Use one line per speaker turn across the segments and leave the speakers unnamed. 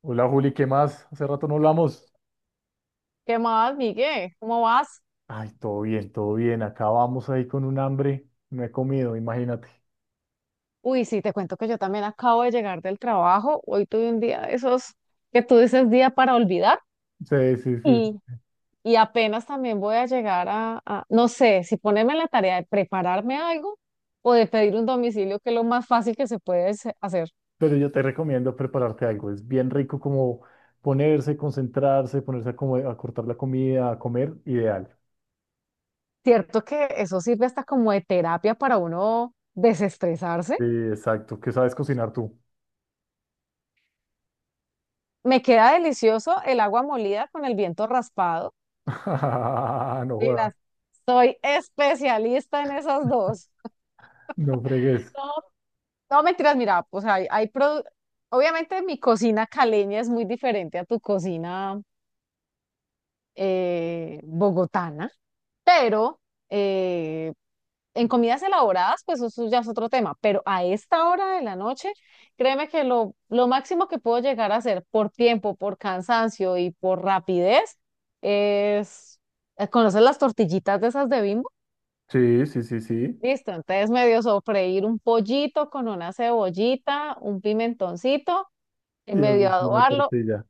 Hola Juli, ¿qué más? Hace rato no hablamos.
¿Qué más, Miguel? ¿Cómo vas?
Ay, todo bien, todo bien. Acá vamos ahí con un hambre. No he comido, imagínate.
Uy, sí, te cuento que yo también acabo de llegar del trabajo. Hoy tuve un día de esos que tú dices día para olvidar
Sí, sí, sí.
y, y apenas también voy a llegar no sé, si ponerme en la tarea de prepararme algo o de pedir un domicilio, que es lo más fácil que se puede hacer.
Pero yo te recomiendo prepararte algo. Es bien rico como ponerse, concentrarse, ponerse a, a cortar la comida, a comer, ideal.
Cierto que eso sirve hasta como de terapia para uno desestresarse.
Sí, exacto. ¿Qué sabes cocinar tú?
Me queda delicioso el agua molida con el viento raspado.
No jodas,
Mira, soy especialista en esas dos.
no fregues.
No, no, mentiras, mira, pues obviamente mi cocina caleña es muy diferente a tu cocina bogotana, pero eh, en comidas elaboradas, pues eso ya es otro tema, pero a esta hora de la noche, créeme que lo máximo que puedo llegar a hacer por tiempo, por cansancio y por rapidez es, ¿conoces las tortillitas de esas de Bimbo?
Sí, sí, sí, sí.
Listo, entonces medio sofreír un pollito con una cebollita, un pimentoncito y
Y eso
medio a
es una
adobarlo
tortilla.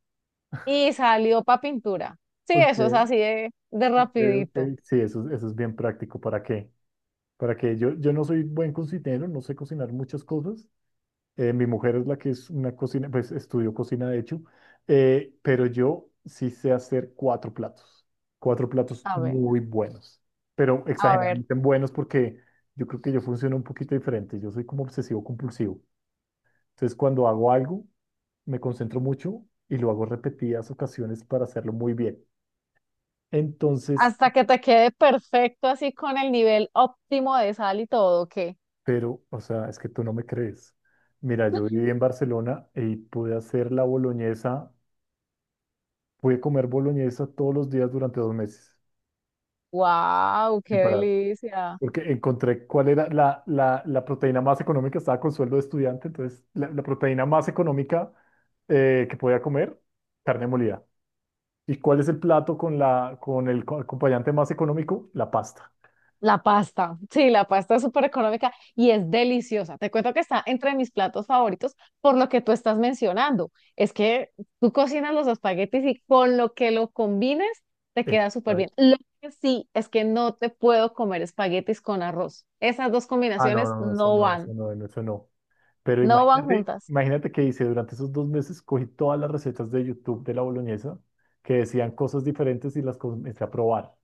y salió para pintura. Sí,
Ok,
eso es así de
ok, ok.
rapidito.
Sí, eso, eso es bien práctico. ¿Para qué? Para que yo no soy buen cocinero, no sé cocinar muchas cosas. Mi mujer es la que es una cocina, pues estudió cocina de hecho. Pero yo sí sé hacer cuatro platos
A ver,
muy buenos, pero
a ver,
exageradamente buenos porque yo creo que yo funciono un poquito diferente, yo soy como obsesivo compulsivo. Entonces cuando hago algo, me concentro mucho y lo hago repetidas ocasiones para hacerlo muy bien. Entonces.
hasta que te quede perfecto así con el nivel óptimo de sal y todo, qué
Pero, o sea, es que tú no me crees. Mira, yo viví en Barcelona y pude hacer la boloñesa, pude comer boloñesa todos los días durante 2 meses,
wow, qué
sin parar,
delicia.
porque encontré cuál era la proteína más económica, estaba con sueldo de estudiante, entonces la proteína más económica, que podía comer, carne molida. ¿Y cuál es el plato con el acompañante más económico? La pasta.
La pasta, sí, la pasta es súper económica y es deliciosa. Te cuento que está entre mis platos favoritos por lo que tú estás mencionando. Es que tú cocinas los espaguetis y con lo que lo combines te
Eh,
queda súper
ay.
bien. Lo que sí es que no te puedo comer espaguetis con arroz. Esas dos
Ah, no,
combinaciones
no, no, eso
no
no, eso
van,
no, no, eso no. Pero
no van
imagínate,
juntas.
imagínate que hice durante esos 2 meses, cogí todas las recetas de YouTube de la boloñesa que decían cosas diferentes y las comencé a probar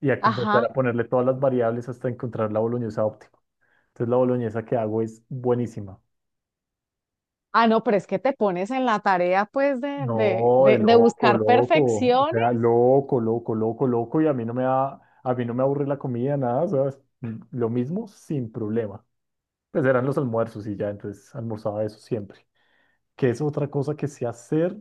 y a comenzar
Ajá.
a ponerle todas las variables hasta encontrar la boloñesa óptima. Entonces la boloñesa que hago es buenísima.
Ah, no, pero es que te pones en la tarea pues de, de,
No, de
de, de
loco,
buscar
loco, o
perfecciones.
sea, loco, loco, loco, loco y a mí no me da, a mí no me aburre la comida, nada, ¿sabes? Lo mismo sin problema. Pues eran los almuerzos y ya, entonces almorzaba eso siempre. Que es otra cosa que sé hacer,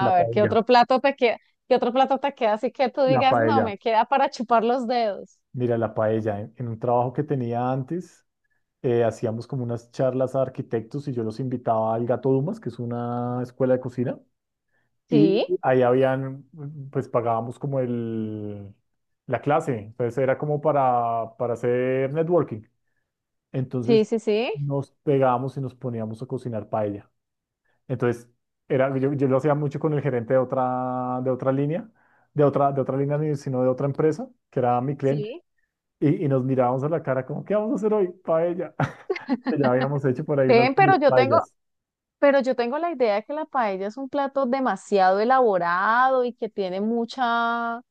la
ver, ¿qué
paella.
otro plato te queda? ¿Qué otro plato te queda así que tú
La
digas, no,
paella,
me queda para chupar los dedos?
mira, la paella. En un trabajo que tenía antes, hacíamos como unas charlas a arquitectos y yo los invitaba al Gato Dumas, que es una escuela de cocina, y
Sí,
ahí habían, pues pagábamos como la clase, entonces era como para, hacer networking.
sí,
Entonces
sí, sí,
nos pegábamos y nos poníamos a cocinar paella. Entonces, era, yo lo hacía mucho con el gerente de otra línea, de otra línea, sino de otra empresa, que era mi cliente.
sí.
Y nos mirábamos a la cara como, ¿qué vamos a hacer hoy? Paella. Ya habíamos hecho por ahí unas
Ven,
paellas.
pero yo tengo la idea de que la paella es un plato demasiado elaborado y que tiene mucha,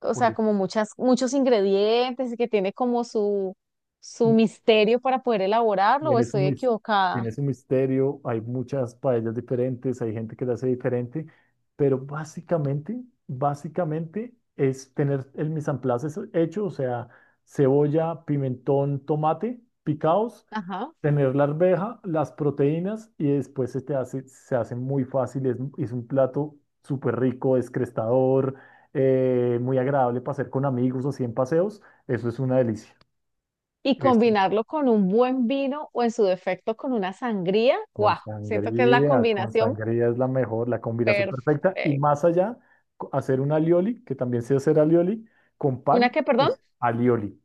o sea,
Pues,
como muchas, muchos ingredientes y que tiene como su
mm,
misterio para poder elaborarlo, o
tiene su,
estoy
mis- tiene
equivocada.
su misterio, hay muchas paellas diferentes, hay gente que la hace diferente, pero básicamente, básicamente es tener el mise en place hecho, o sea, cebolla, pimentón, tomate picados,
Ajá.
tener la arveja, las proteínas y después se te hace, se hace muy fácil. Es un plato súper rico, descrestador, muy agradable para hacer con amigos o 100 paseos. Eso es una delicia.
Y
Eso.
combinarlo con un buen vino o en su defecto con una sangría, guau, siento que es la
Con
combinación.
sangría es la mejor, la combinación perfecta. Y
Perfecto.
más allá, hacer un alioli, que también sé hacer alioli, con pan,
¿Una qué, perdón?
uf, alioli.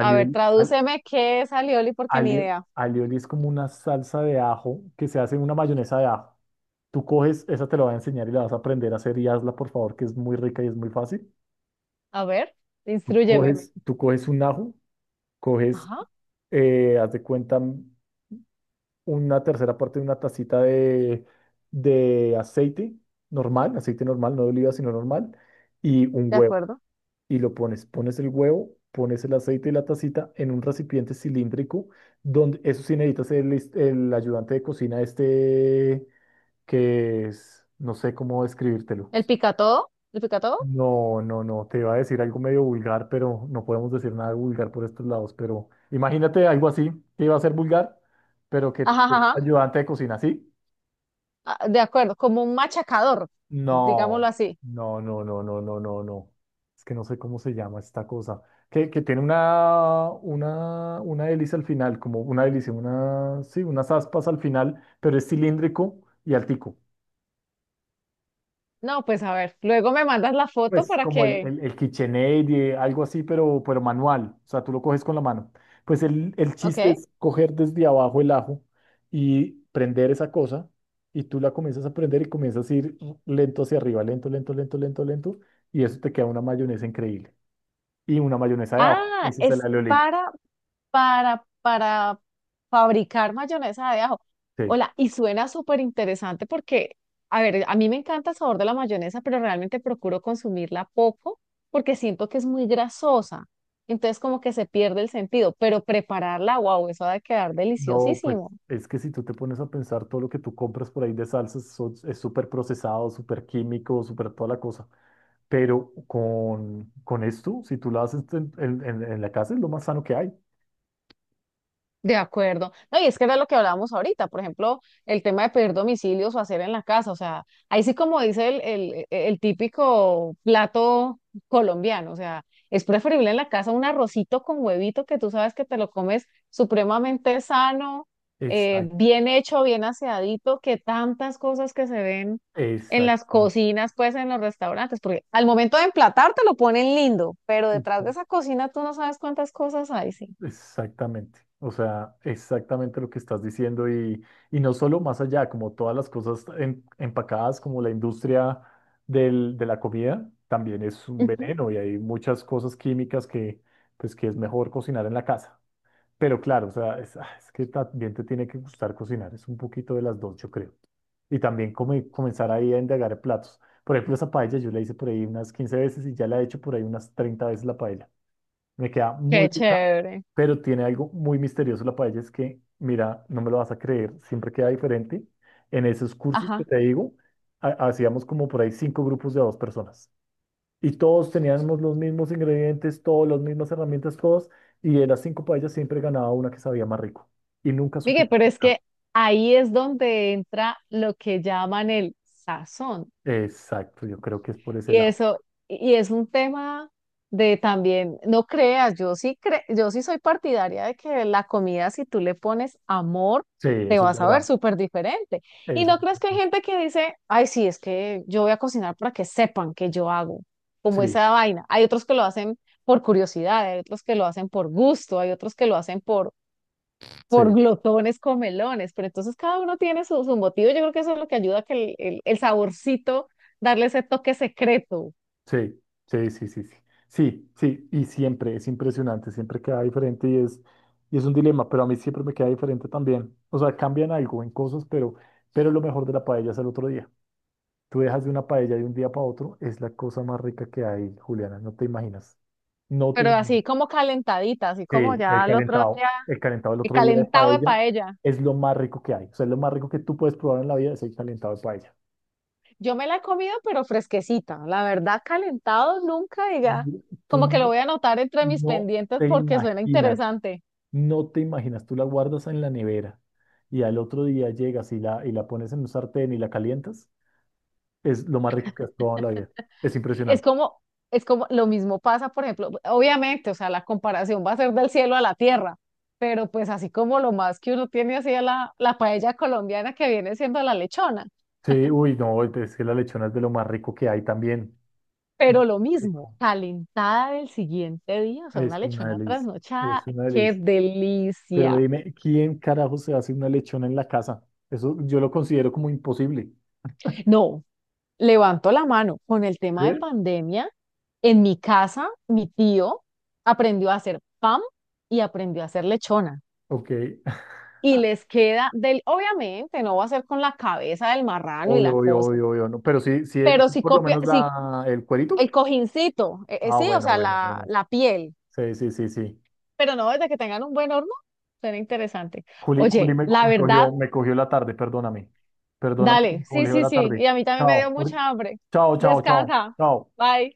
A ver, tradúceme qué es alioli porque ni
alio-
idea.
alioli es como una salsa de ajo que se hace en una mayonesa de ajo. Tú coges, esa te la va a enseñar y la vas a aprender a hacer y hazla, por favor, que es muy rica y es muy fácil.
A ver,
Tú
instrúyeme.
coges, tú coges un ajo, coges,
Ajá,
haz de cuenta, una tercera parte de una tacita de, de aceite aceite normal, no de oliva, sino normal, y un
de
huevo.
acuerdo.
Y lo pones, pones el huevo, pones el aceite y la tacita en un recipiente cilíndrico, donde eso sí necesitas el ayudante de cocina este, que es, no sé cómo describírtelo.
¿El picatodo? ¿El picatodo?
No, no, no, te iba a decir algo medio vulgar, pero no podemos decir nada vulgar por estos lados. Pero imagínate algo así, que iba a ser vulgar, pero que
Ajá, ajá,
es
ajá.
ayudante de cocina, ¿sí?
Ah, de acuerdo, como un machacador, digámoslo
No,
así.
no, no, no, no, no, no, no. Es que no sé cómo se llama esta cosa. Que tiene una hélice al final, como una hélice, una, sí, unas aspas al final, pero es cilíndrico y altico.
No, pues a ver, luego me mandas la foto
Pues
para
como el,
que...
el, el KitchenAid, algo así, pero manual. O sea, tú lo coges con la mano. Pues el
Ok.
chiste es coger desde abajo el ajo y prender esa cosa. Y tú la comienzas a prender y comienzas a ir lento hacia arriba, lento, lento, lento, lento, lento. Y eso te queda una mayonesa increíble. Y una mayonesa de ajo.
Ah,
Ese es el
es
alioli.
para fabricar mayonesa de ajo.
Sí.
Hola, y suena súper interesante porque, a ver, a mí me encanta el sabor de la mayonesa, pero realmente procuro consumirla poco porque siento que es muy grasosa. Entonces como que se pierde el sentido, pero prepararla, wow, eso ha de quedar
No, pues
deliciosísimo.
es que si tú te pones a pensar todo lo que tú compras por ahí de salsas es súper procesado, súper químico, súper toda la cosa. Pero con esto, si tú lo haces en la casa, es lo más sano que hay.
De acuerdo. No, y es que era lo que hablábamos ahorita, por ejemplo, el tema de pedir domicilios o hacer en la casa, o sea, ahí sí como dice el típico plato colombiano, o sea, es preferible en la casa un arrocito con huevito que tú sabes que te lo comes supremamente sano,
Exacto,
bien hecho, bien aseadito, que tantas cosas que se ven en las
exactamente,
cocinas, pues en los restaurantes, porque al momento de emplatar te lo ponen lindo, pero detrás de esa
exact-
cocina tú no sabes cuántas cosas hay, sí.
exactamente. O sea, exactamente lo que estás diciendo, y no solo más allá, como todas las cosas empacadas, como la industria de la comida, también es un veneno y hay muchas cosas químicas que, pues, que es mejor cocinar en la casa. Pero claro, o sea, es que también te tiene que gustar cocinar, es un poquito de las dos, yo creo. Y también comenzar ahí a indagar en platos. Por ejemplo, esa paella yo la hice por ahí unas 15 veces y ya la he hecho por ahí unas 30 veces la paella. Me queda muy
Qué
rica,
chévere.
pero tiene algo muy misterioso la paella, es que, mira, no me lo vas a creer, siempre queda diferente. En esos cursos que
Ajá.
te digo, hacíamos como por ahí cinco grupos de a dos personas. Y todos teníamos los mismos ingredientes, todas las mismas herramientas, todos. Y de las cinco paellas siempre ganaba una que sabía más rico. Y nunca supe
Miguel,
qué
pero es
era.
que ahí es donde entra lo que llaman el sazón.
Exacto, yo creo que es por ese
Y
lado.
eso, y es un tema de también, no creas, yo sí soy partidaria de que la comida, si tú le pones amor,
Sí,
te
eso es
vas a ver
verdad.
súper diferente. Y
Eso
no
es
creas que hay
verdad.
gente que dice, ay, sí, es que yo voy a cocinar para que sepan que yo hago, como
Sí,
esa vaina. Hay otros que lo hacen por curiosidad, hay otros que lo hacen por gusto, hay otros que lo hacen por
sí,
glotones comelones, pero entonces cada uno tiene su, su motivo. Yo creo que eso es lo que ayuda a que el saborcito, darle ese toque secreto,
sí, sí, sí, sí, sí. Sí, sí, y siempre es impresionante, siempre queda diferente y es un dilema, pero a mí siempre me queda diferente también. O sea, cambian algo en cosas, pero, lo mejor de la paella es el otro día. Tú dejas de una paella de un día para otro, es la cosa más rica que hay, Juliana, no te imaginas. No te
pero
imaginas.
así como calentadita, así como
Sí, el
ya el otro
calentado,
día,
el calentado el
el
otro día de
calentado de
paella
paella.
es lo más rico que hay. O sea, es lo más rico que tú puedes probar en la vida es el calentado de paella.
Yo me la he comido, pero fresquecita. La verdad, calentado nunca, diga,
Yo- Tú
como que lo
no,
voy a anotar entre mis
no
pendientes
te
porque suena
imaginas,
interesante.
no te imaginas, tú la guardas en la nevera y al otro día llegas y la pones en un sartén y la calientas, es lo más rico que has probado en la vida. Es
Es
impresionante.
como, es como lo mismo pasa, por ejemplo, obviamente, o sea, la comparación va a ser del cielo a la tierra, pero pues así como lo más que uno tiene así a la paella colombiana que viene siendo la lechona,
Sí, uy, no, es que la lechona es de lo más rico que hay también.
pero lo mismo,
Rico.
calentada del siguiente día, o sea, una
Es una
lechona
delicia,
trasnochada,
es una
qué
delicia. Pero
delicia.
dime, ¿quién carajo se hace una lechona en la casa? Eso yo lo considero como imposible.
No, levanto la mano, con el tema de
¿Eh?
pandemia, en mi casa, mi tío aprendió a hacer pan y aprendió a hacer lechona.
Ok,
Y les queda del, obviamente no va a ser con la cabeza del marrano y la
obvio, obvio,
cosa,
obvio, obvio, no. Pero sí, sí,
pero
sí,
si
por lo
copia,
menos
si
el cuerito.
el cojincito,
Ah,
sí, o
bueno,
sea,
bueno, bueno.
la piel,
Sí, sí, sí, sí.
pero no desde que tengan un buen horno, suena interesante.
Juli,
Oye,
me,
la
me
verdad,
cogió, me cogió la tarde, perdóname. Perdóname que me
dale, sí,
cogió
sí,
la
sí,
tarde.
y a mí también me dio
Chao,
mucha hambre.
chao, chao, chao,
Descansa,
chao.
bye.